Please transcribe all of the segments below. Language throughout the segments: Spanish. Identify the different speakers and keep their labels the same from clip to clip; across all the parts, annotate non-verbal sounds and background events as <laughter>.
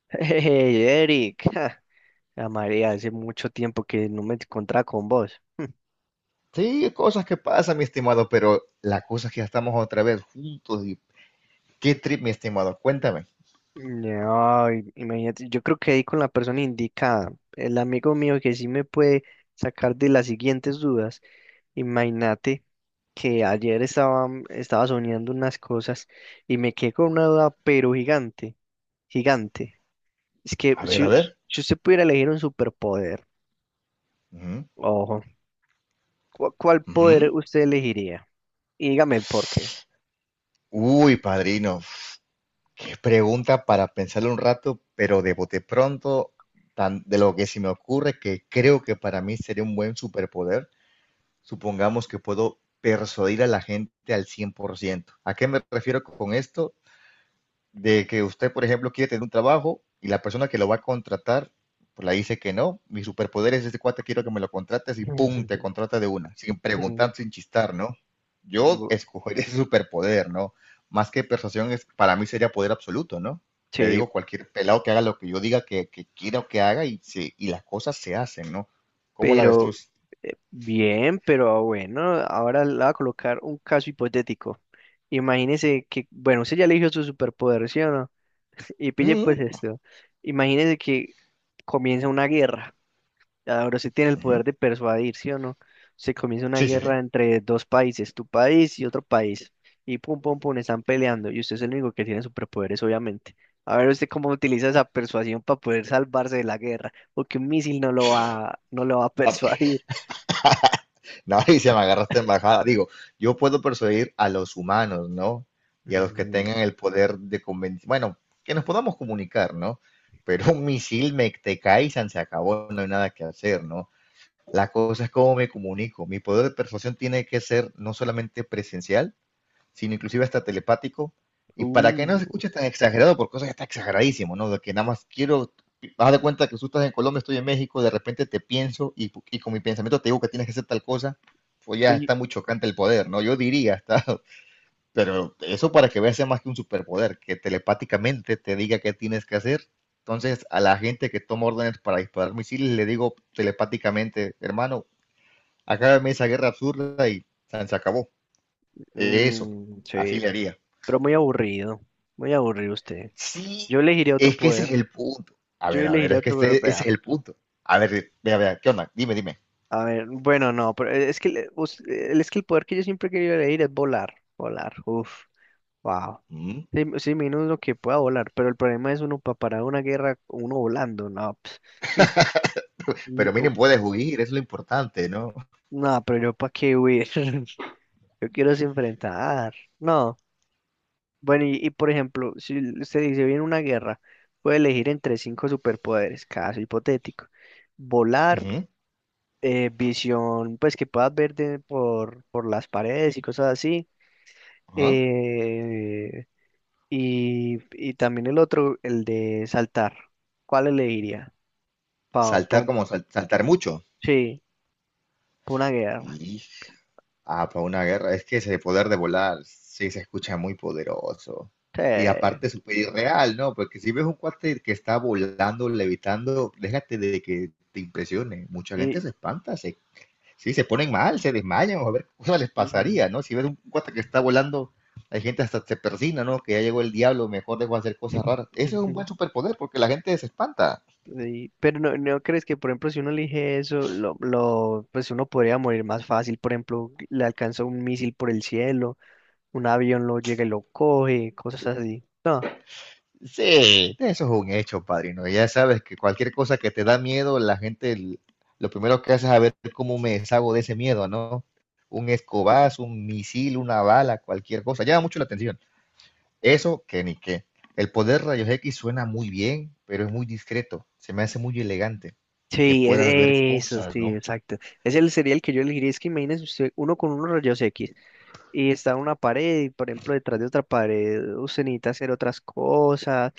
Speaker 1: <laughs> Hey, Eric, ja, la María, hace mucho tiempo que no me encontraba con vos.
Speaker 2: Sí, cosas que pasan, mi estimado, pero la cosa es que ya estamos otra vez juntos y qué trip, mi estimado, cuéntame.
Speaker 1: No, imagínate, yo creo que ahí con la persona indicada, el amigo mío que sí me puede sacar de las siguientes dudas. Imagínate que ayer estaba soñando unas cosas y me quedé con una duda, pero gigante, gigante. Es que
Speaker 2: A ver, a
Speaker 1: si,
Speaker 2: ver.
Speaker 1: si usted pudiera elegir un superpoder,
Speaker 2: Ujú,
Speaker 1: ojo, ¿cuál poder
Speaker 2: ujú.
Speaker 1: usted elegiría? Y dígame el por qué.
Speaker 2: Uy, padrino, uf, qué pregunta para pensarlo un rato, pero de bote pronto, de lo que se me ocurre, que creo que para mí sería un buen superpoder, supongamos que puedo persuadir a la gente al 100%. ¿A qué me refiero con esto? De que usted, por ejemplo, quiere tener un trabajo y la persona que lo va a contratar, pues le dice que no, mi superpoder es este cuate, quiero que me lo contrates y pum, te
Speaker 1: <laughs>
Speaker 2: contrata de una, sin preguntar, sin chistar, ¿no? Yo
Speaker 1: Bu-
Speaker 2: escogería <laughs> ese superpoder, ¿no? Más que persuasión, es, para mí sería poder absoluto, ¿no? Le
Speaker 1: Sí,
Speaker 2: digo a cualquier pelado que haga lo que yo diga que quiero que haga y las cosas se hacen, ¿no? Como la
Speaker 1: pero
Speaker 2: avestruz.
Speaker 1: bien, pero bueno, ahora le voy a colocar un caso hipotético. Imagínese que, bueno, usted ya eligió su superpoder, ¿sí o no? <laughs> Y pille
Speaker 2: Mm,
Speaker 1: pues esto. Imagínese que comienza una guerra. Ahora sí tiene el
Speaker 2: ujú.
Speaker 1: poder de persuadir, ¿sí o no? Se comienza una
Speaker 2: Sí, sí, sí.
Speaker 1: guerra entre dos países, tu país y otro país, y pum, pum, pum, están peleando, y usted es el único que tiene superpoderes, obviamente. A ver usted cómo utiliza esa persuasión para poder salvarse de la guerra, porque un misil no lo va a <laughs> persuadir.
Speaker 2: Mauricio, <laughs> me agarraste en bajada. Digo, yo puedo persuadir a los humanos, ¿no? Y a los que
Speaker 1: Mm,
Speaker 2: tengan el poder de convencer, bueno, que nos podamos comunicar, ¿no? Pero un misil me te cae y se acabó, no hay nada que hacer, ¿no? La cosa es cómo me comunico. Mi poder de persuasión tiene que ser no solamente presencial, sino inclusive hasta telepático, y para que no se
Speaker 1: uh,
Speaker 2: escuche tan exagerado, porque eso ya está exageradísimo, ¿no? De que nada más quiero, vas de cuenta que tú estás en Colombia, estoy en México, de repente te pienso y con mi pensamiento te digo que tienes que hacer tal cosa, pues ya
Speaker 1: y-
Speaker 2: está muy chocante el poder, ¿no? Yo diría, está, <laughs> pero eso para que veas sea más que un superpoder, que telepáticamente te diga qué tienes que hacer. Entonces, a la gente que toma órdenes para disparar misiles, le digo telepáticamente, hermano, acábame esa guerra absurda y se acabó. Eso,
Speaker 1: mm,
Speaker 2: así
Speaker 1: sí,
Speaker 2: le haría.
Speaker 1: pero muy aburrido usted.
Speaker 2: Sí,
Speaker 1: Yo elegiría otro
Speaker 2: es que ese es
Speaker 1: poder,
Speaker 2: el punto.
Speaker 1: yo
Speaker 2: A ver,
Speaker 1: elegiría
Speaker 2: es que
Speaker 1: otro
Speaker 2: ese
Speaker 1: poder.
Speaker 2: es el punto. A ver, vea, vea, ¿qué onda? Dime, dime.
Speaker 1: A ver, bueno, no, pero es que, es que el poder que yo siempre he querido elegir es volar, volar, uff, wow.
Speaker 2: Mm.
Speaker 1: Sí, sí, menos lo que pueda volar, pero el problema es uno para parar una guerra, uno volando, no, pues, mm, n-
Speaker 2: Pero
Speaker 1: o-
Speaker 2: miren, puedes huir, es lo importante, ¿no?
Speaker 1: no, pero yo para qué huir, <laughs> yo quiero es enfrentar, no. Bueno, y por ejemplo, si l- usted dice viene una guerra, puede elegir entre cinco superpoderes, caso hipotético. Volar,
Speaker 2: Ujú,
Speaker 1: visión, pues que puedas ver por las paredes y cosas así.
Speaker 2: ajá.
Speaker 1: Eh, y también el otro, el de saltar. ¿Cuál elegiría? Pa,
Speaker 2: Saltar
Speaker 1: pa-
Speaker 2: como saltar mucho.
Speaker 1: sí, pa una guerra.
Speaker 2: Y, ah, para una guerra, es que ese poder de volar, sí, se escucha muy poderoso.
Speaker 1: Sí.
Speaker 2: Y aparte, súper irreal, ¿no? Porque si ves un cuate que está volando, levitando, déjate de que te impresione. Mucha gente
Speaker 1: Y-
Speaker 2: se espanta, se sí, se ponen mal, se desmayan, o a ver qué cosa les
Speaker 1: ujú,
Speaker 2: pasaría, ¿no? Si ves un cuate que está volando, hay gente hasta se persina, ¿no? Que ya llegó el diablo, mejor dejo de hacer cosas raras.
Speaker 1: <laughs>
Speaker 2: Eso es un
Speaker 1: ujú.
Speaker 2: buen superpoder porque la gente se espanta.
Speaker 1: Sí, pero no, no crees que, por ejemplo, si uno elige eso, pues uno podría morir más fácil. Por ejemplo, le alcanza un misil por el cielo, un avión lo llega y lo coge, cosas así. No.
Speaker 2: Sí, eso es un hecho, padrino. Ya sabes que cualquier cosa que te da miedo, la gente, lo primero que hace es a ver cómo me deshago de ese miedo, ¿no? Un escobazo, un misil, una bala, cualquier cosa. Llama mucho la atención. Eso que ni qué. El poder rayos X suena muy bien, pero es muy discreto. Se me hace muy elegante que
Speaker 1: Sí,
Speaker 2: puedas ver
Speaker 1: eso,
Speaker 2: cosas,
Speaker 1: sí,
Speaker 2: ¿no?
Speaker 1: exacto. Sería el que yo elegiría. Es que imagínese usted, uno con unos rayos X, y está en una pared y por ejemplo detrás de otra pared usted necesita hacer otras cosas.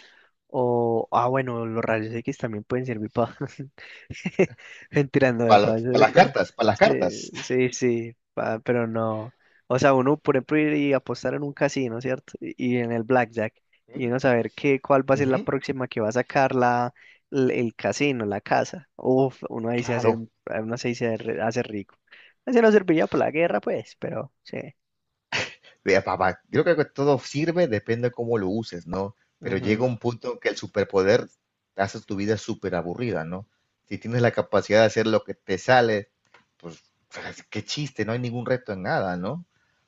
Speaker 1: O ah, bueno, los rayos X también pueden servir para <laughs> mentirando de
Speaker 2: Para las,
Speaker 1: falso.
Speaker 2: para las
Speaker 1: <laughs>
Speaker 2: cartas, para las cartas.
Speaker 1: Sí, sí, sí, pa- pero no, o sea, uno por ejemplo ir y apostar en un casino, cierto, y en el blackjack y uno saber qué, cuál va
Speaker 2: <laughs>
Speaker 1: a ser la
Speaker 2: Ujú.
Speaker 1: próxima que va a sacar la, el casino, la casa, uf, uno ahí se hace
Speaker 2: Claro.
Speaker 1: uno ahí hace rico. Así no serviría para la guerra pues, pero sí.
Speaker 2: Papá, yo creo que todo sirve, depende de cómo lo uses, ¿no? Pero llega un punto en que el superpoder hace tu vida súper aburrida, ¿no? Si tienes la capacidad de hacer lo que te sale, pues <laughs> qué chiste, no hay ningún reto en nada, ¿no?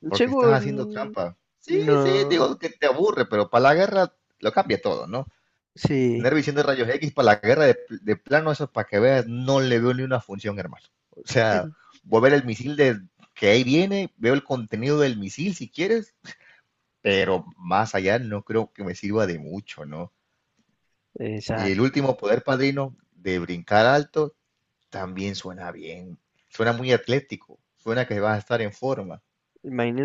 Speaker 2: Porque estás haciendo
Speaker 1: Según...
Speaker 2: trampa. Sí, sí,
Speaker 1: No,
Speaker 2: digo que te aburre, pero para la guerra lo cambia todo, ¿no? Tener
Speaker 1: sí,
Speaker 2: visión de rayos X para la guerra de plano, eso para que veas, no le veo ni una función, hermano. O sea, voy a ver el misil de que ahí viene, veo el contenido del misil si quieres, pero más allá no creo que me sirva de mucho, ¿no?
Speaker 1: <laughs>
Speaker 2: Y el
Speaker 1: exacto.
Speaker 2: último poder padrino de brincar alto también suena bien, suena muy atlético, suena que vas a estar en forma,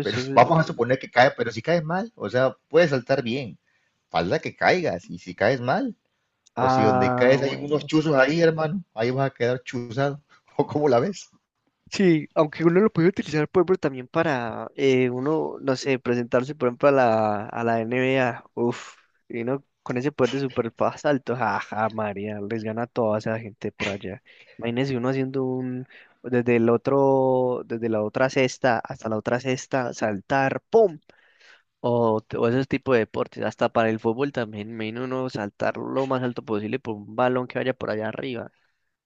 Speaker 2: pero <laughs> vamos a suponer que cae, pero si caes mal, o sea, puedes saltar bien, falta que caigas, y si caes mal, o si donde
Speaker 1: Ah,
Speaker 2: caes hay unos
Speaker 1: bueno.
Speaker 2: chuzos ahí, hermano, ahí vas a quedar chuzado, <laughs> o cómo la ves.
Speaker 1: Sí, aunque uno lo puede utilizar, por ejemplo, también para uno, no sé, presentarse, por ejemplo, a a la NBA. Uf, y uno con ese poder de super alto, jaja, María, les gana a toda esa gente por allá. Imagínense uno haciendo un, desde el otro, desde la otra cesta hasta la otra cesta, saltar, ¡pum! O, o ese tipo de deportes, hasta para el fútbol también, menos uno saltar lo más alto posible por un balón que vaya por allá arriba,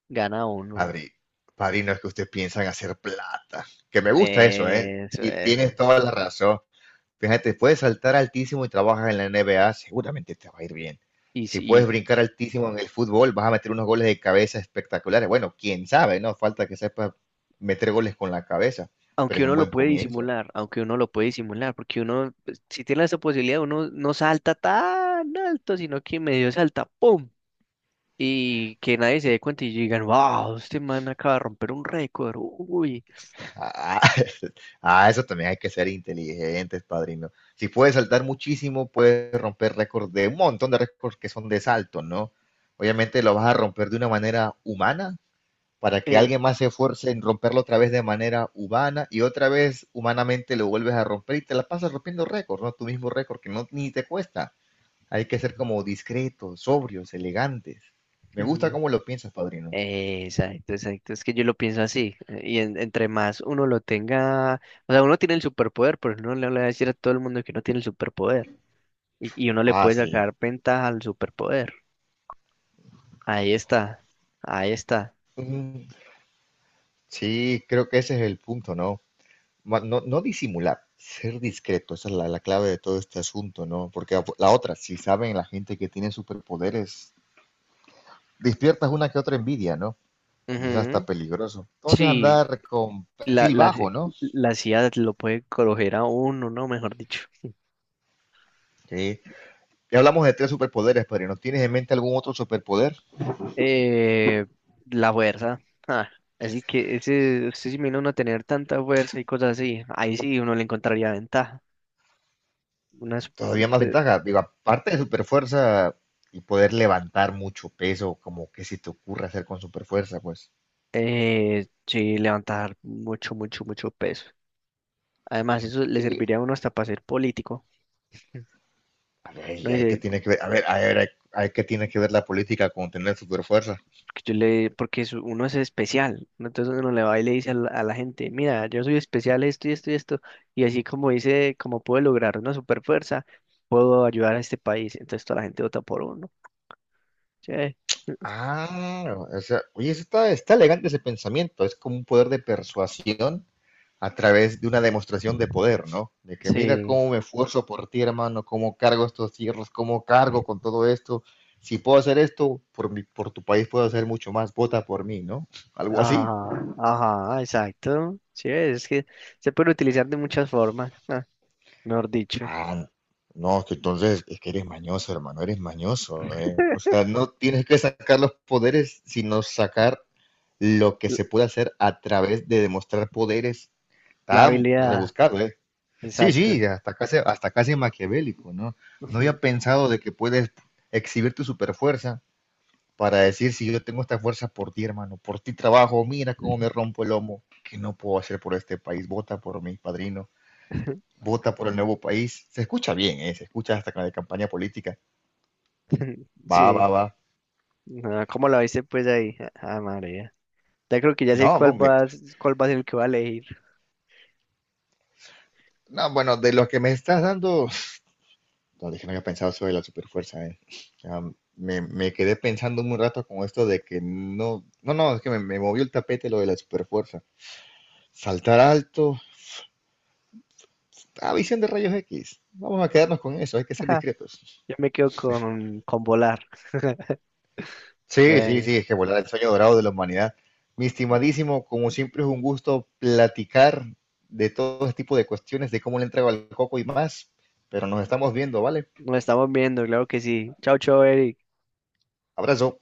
Speaker 1: gana uno.
Speaker 2: Padre, padrino, es que ustedes piensan hacer plata, que me
Speaker 1: <laughs>
Speaker 2: gusta eso, ¿eh?
Speaker 1: Eso,
Speaker 2: Y tienes
Speaker 1: eso.
Speaker 2: toda la razón. Fíjate, puedes saltar altísimo y trabajas en la NBA, seguramente te va a ir bien.
Speaker 1: Y
Speaker 2: Si puedes
Speaker 1: si,
Speaker 2: brincar altísimo en el fútbol, vas a meter unos goles de cabeza espectaculares. Bueno, quién sabe, ¿no? Falta que sepas meter goles con la cabeza, pero
Speaker 1: aunque
Speaker 2: es
Speaker 1: uno
Speaker 2: un
Speaker 1: lo
Speaker 2: buen
Speaker 1: puede
Speaker 2: comienzo.
Speaker 1: disimular, aunque uno lo puede disimular, porque uno, pues, si tiene esa posibilidad, uno no salta tan alto, sino que medio salta, ¡pum! Y que nadie se dé cuenta y digan, wow, este man acaba de romper un récord, uy.
Speaker 2: Ah, <laughs> ah, eso también hay que ser inteligentes, padrino. Si puedes saltar muchísimo, puedes romper récords de un montón de récords que son de salto, ¿no? Obviamente lo vas a romper de una manera humana, para que
Speaker 1: Eh,
Speaker 2: alguien más se esfuerce en romperlo otra vez de manera humana y otra vez humanamente lo vuelves a romper y te la pasas rompiendo récords, ¿no? Tu mismo récord que no ni te cuesta. Hay que ser como
Speaker 1: <laughs>
Speaker 2: discretos, sobrios, elegantes. Me gusta cómo lo piensas, padrino.
Speaker 1: Exacto, exacto. Es que yo lo pienso así. Entre más uno lo tenga, o sea, uno tiene el superpoder, pero uno no le va a decir a todo el mundo que uno tiene el superpoder. Y uno le
Speaker 2: Ah,
Speaker 1: puede
Speaker 2: sí.
Speaker 1: sacar ventaja al superpoder. Ahí está, ahí está.
Speaker 2: Mm, sí, creo que ese es el punto, ¿no? No, no disimular, ser discreto, esa es la clave de todo este asunto, ¿no? Porque la otra, si saben la gente que tiene superpoderes, despiertas una que otra envidia, ¿no? Y es hasta
Speaker 1: Ujú.
Speaker 2: peligroso. Entonces
Speaker 1: Sí,
Speaker 2: andar con
Speaker 1: la,
Speaker 2: perfil
Speaker 1: la,
Speaker 2: bajo, ¿no?
Speaker 1: la CIA lo puede coger a uno, ¿no? Mejor dicho.
Speaker 2: Sí. Ya hablamos de tres superpoderes, pero ¿no tienes en mente algún otro superpoder?
Speaker 1: Eh, la fuerza. Ah, así que ese, usted se imagina uno tener tanta fuerza y cosas así. Ahí sí uno le encontraría ventaja. Unas,
Speaker 2: Todavía más ventaja. Digo, aparte de superfuerza y poder levantar mucho peso, como que si te ocurre hacer con superfuerza, pues.
Speaker 1: eh, sí, levantar mucho, mucho, mucho peso. Además, eso le
Speaker 2: Y,
Speaker 1: serviría a uno hasta para ser político,
Speaker 2: a ver,
Speaker 1: ¿no?
Speaker 2: ¿y ahí qué tiene que ver? A ver, a ver, ahí qué tiene que ver la política con tener superfuerza?
Speaker 1: Que yo le, porque uno es especial, ¿no? Entonces uno le va y le dice a a la gente, mira, yo soy especial esto y esto y esto, y así como dice, como puedo lograr una super fuerza, puedo ayudar a este país. Entonces toda la gente vota por uno. Sí,
Speaker 2: Ah, o sea, oye, ese está, está elegante ese pensamiento. Es como un poder de persuasión a través de una demostración de poder, ¿no? De que mira
Speaker 1: sí,
Speaker 2: cómo me esfuerzo por ti, hermano, cómo cargo estos cierros, cómo cargo con todo esto. Si puedo hacer esto, por mi, por tu país puedo hacer mucho más. Vota por mí, ¿no? <laughs> Algo así.
Speaker 1: ajá, ajá, exacto. Sí, es que se puede utilizar de muchas formas, ah, mejor dicho.
Speaker 2: Ah, no, que entonces es que eres mañoso, hermano, eres mañoso, ¿eh? O sea, no tienes que sacar los poderes, sino sacar lo que
Speaker 1: L-
Speaker 2: se puede hacer a través de demostrar poderes.
Speaker 1: La
Speaker 2: Está
Speaker 1: habilidad,
Speaker 2: rebuscado, ¿eh? Sí,
Speaker 1: exacto.
Speaker 2: sí, hasta casi maquiavélico, ¿no? No había
Speaker 1: <laughs>
Speaker 2: pensado de que puedes exhibir tu superfuerza para decir si yo tengo esta fuerza por ti, hermano, por ti trabajo, mira cómo me rompo el lomo, que no puedo hacer por este país, vota por mi padrino,
Speaker 1: <laughs>
Speaker 2: vota por el nuevo país. Se escucha bien, ¿eh? Se escucha hasta con la de campaña política. Va,
Speaker 1: Sí,
Speaker 2: va, va.
Speaker 1: no, ¿cómo lo viste pues ahí? Ah, María. Ya creo que ya sé
Speaker 2: No, no,
Speaker 1: cuál va, cuál va a ser el que va a elegir.
Speaker 2: no, bueno, de lo que me estás dando, no, dije, no había pensado sobre la superfuerza, eh. Me quedé pensando un rato con esto de que no, no, no, es que me movió el tapete lo de la superfuerza. Saltar alto, ah, visión de rayos X. Vamos a quedarnos con eso, hay que ser
Speaker 1: <laughs>
Speaker 2: discretos.
Speaker 1: Yo me quedo con volar. <laughs>
Speaker 2: Sí, sí,
Speaker 1: Bueno,
Speaker 2: sí, es que volar el sueño dorado de la humanidad. Mi estimadísimo, como siempre es un gusto platicar de todo este tipo de cuestiones, de cómo le entrego al coco y más, pero nos estamos viendo, ¿vale?
Speaker 1: nos estamos viendo, claro que sí. Chao, chao, Eric.
Speaker 2: Abrazo.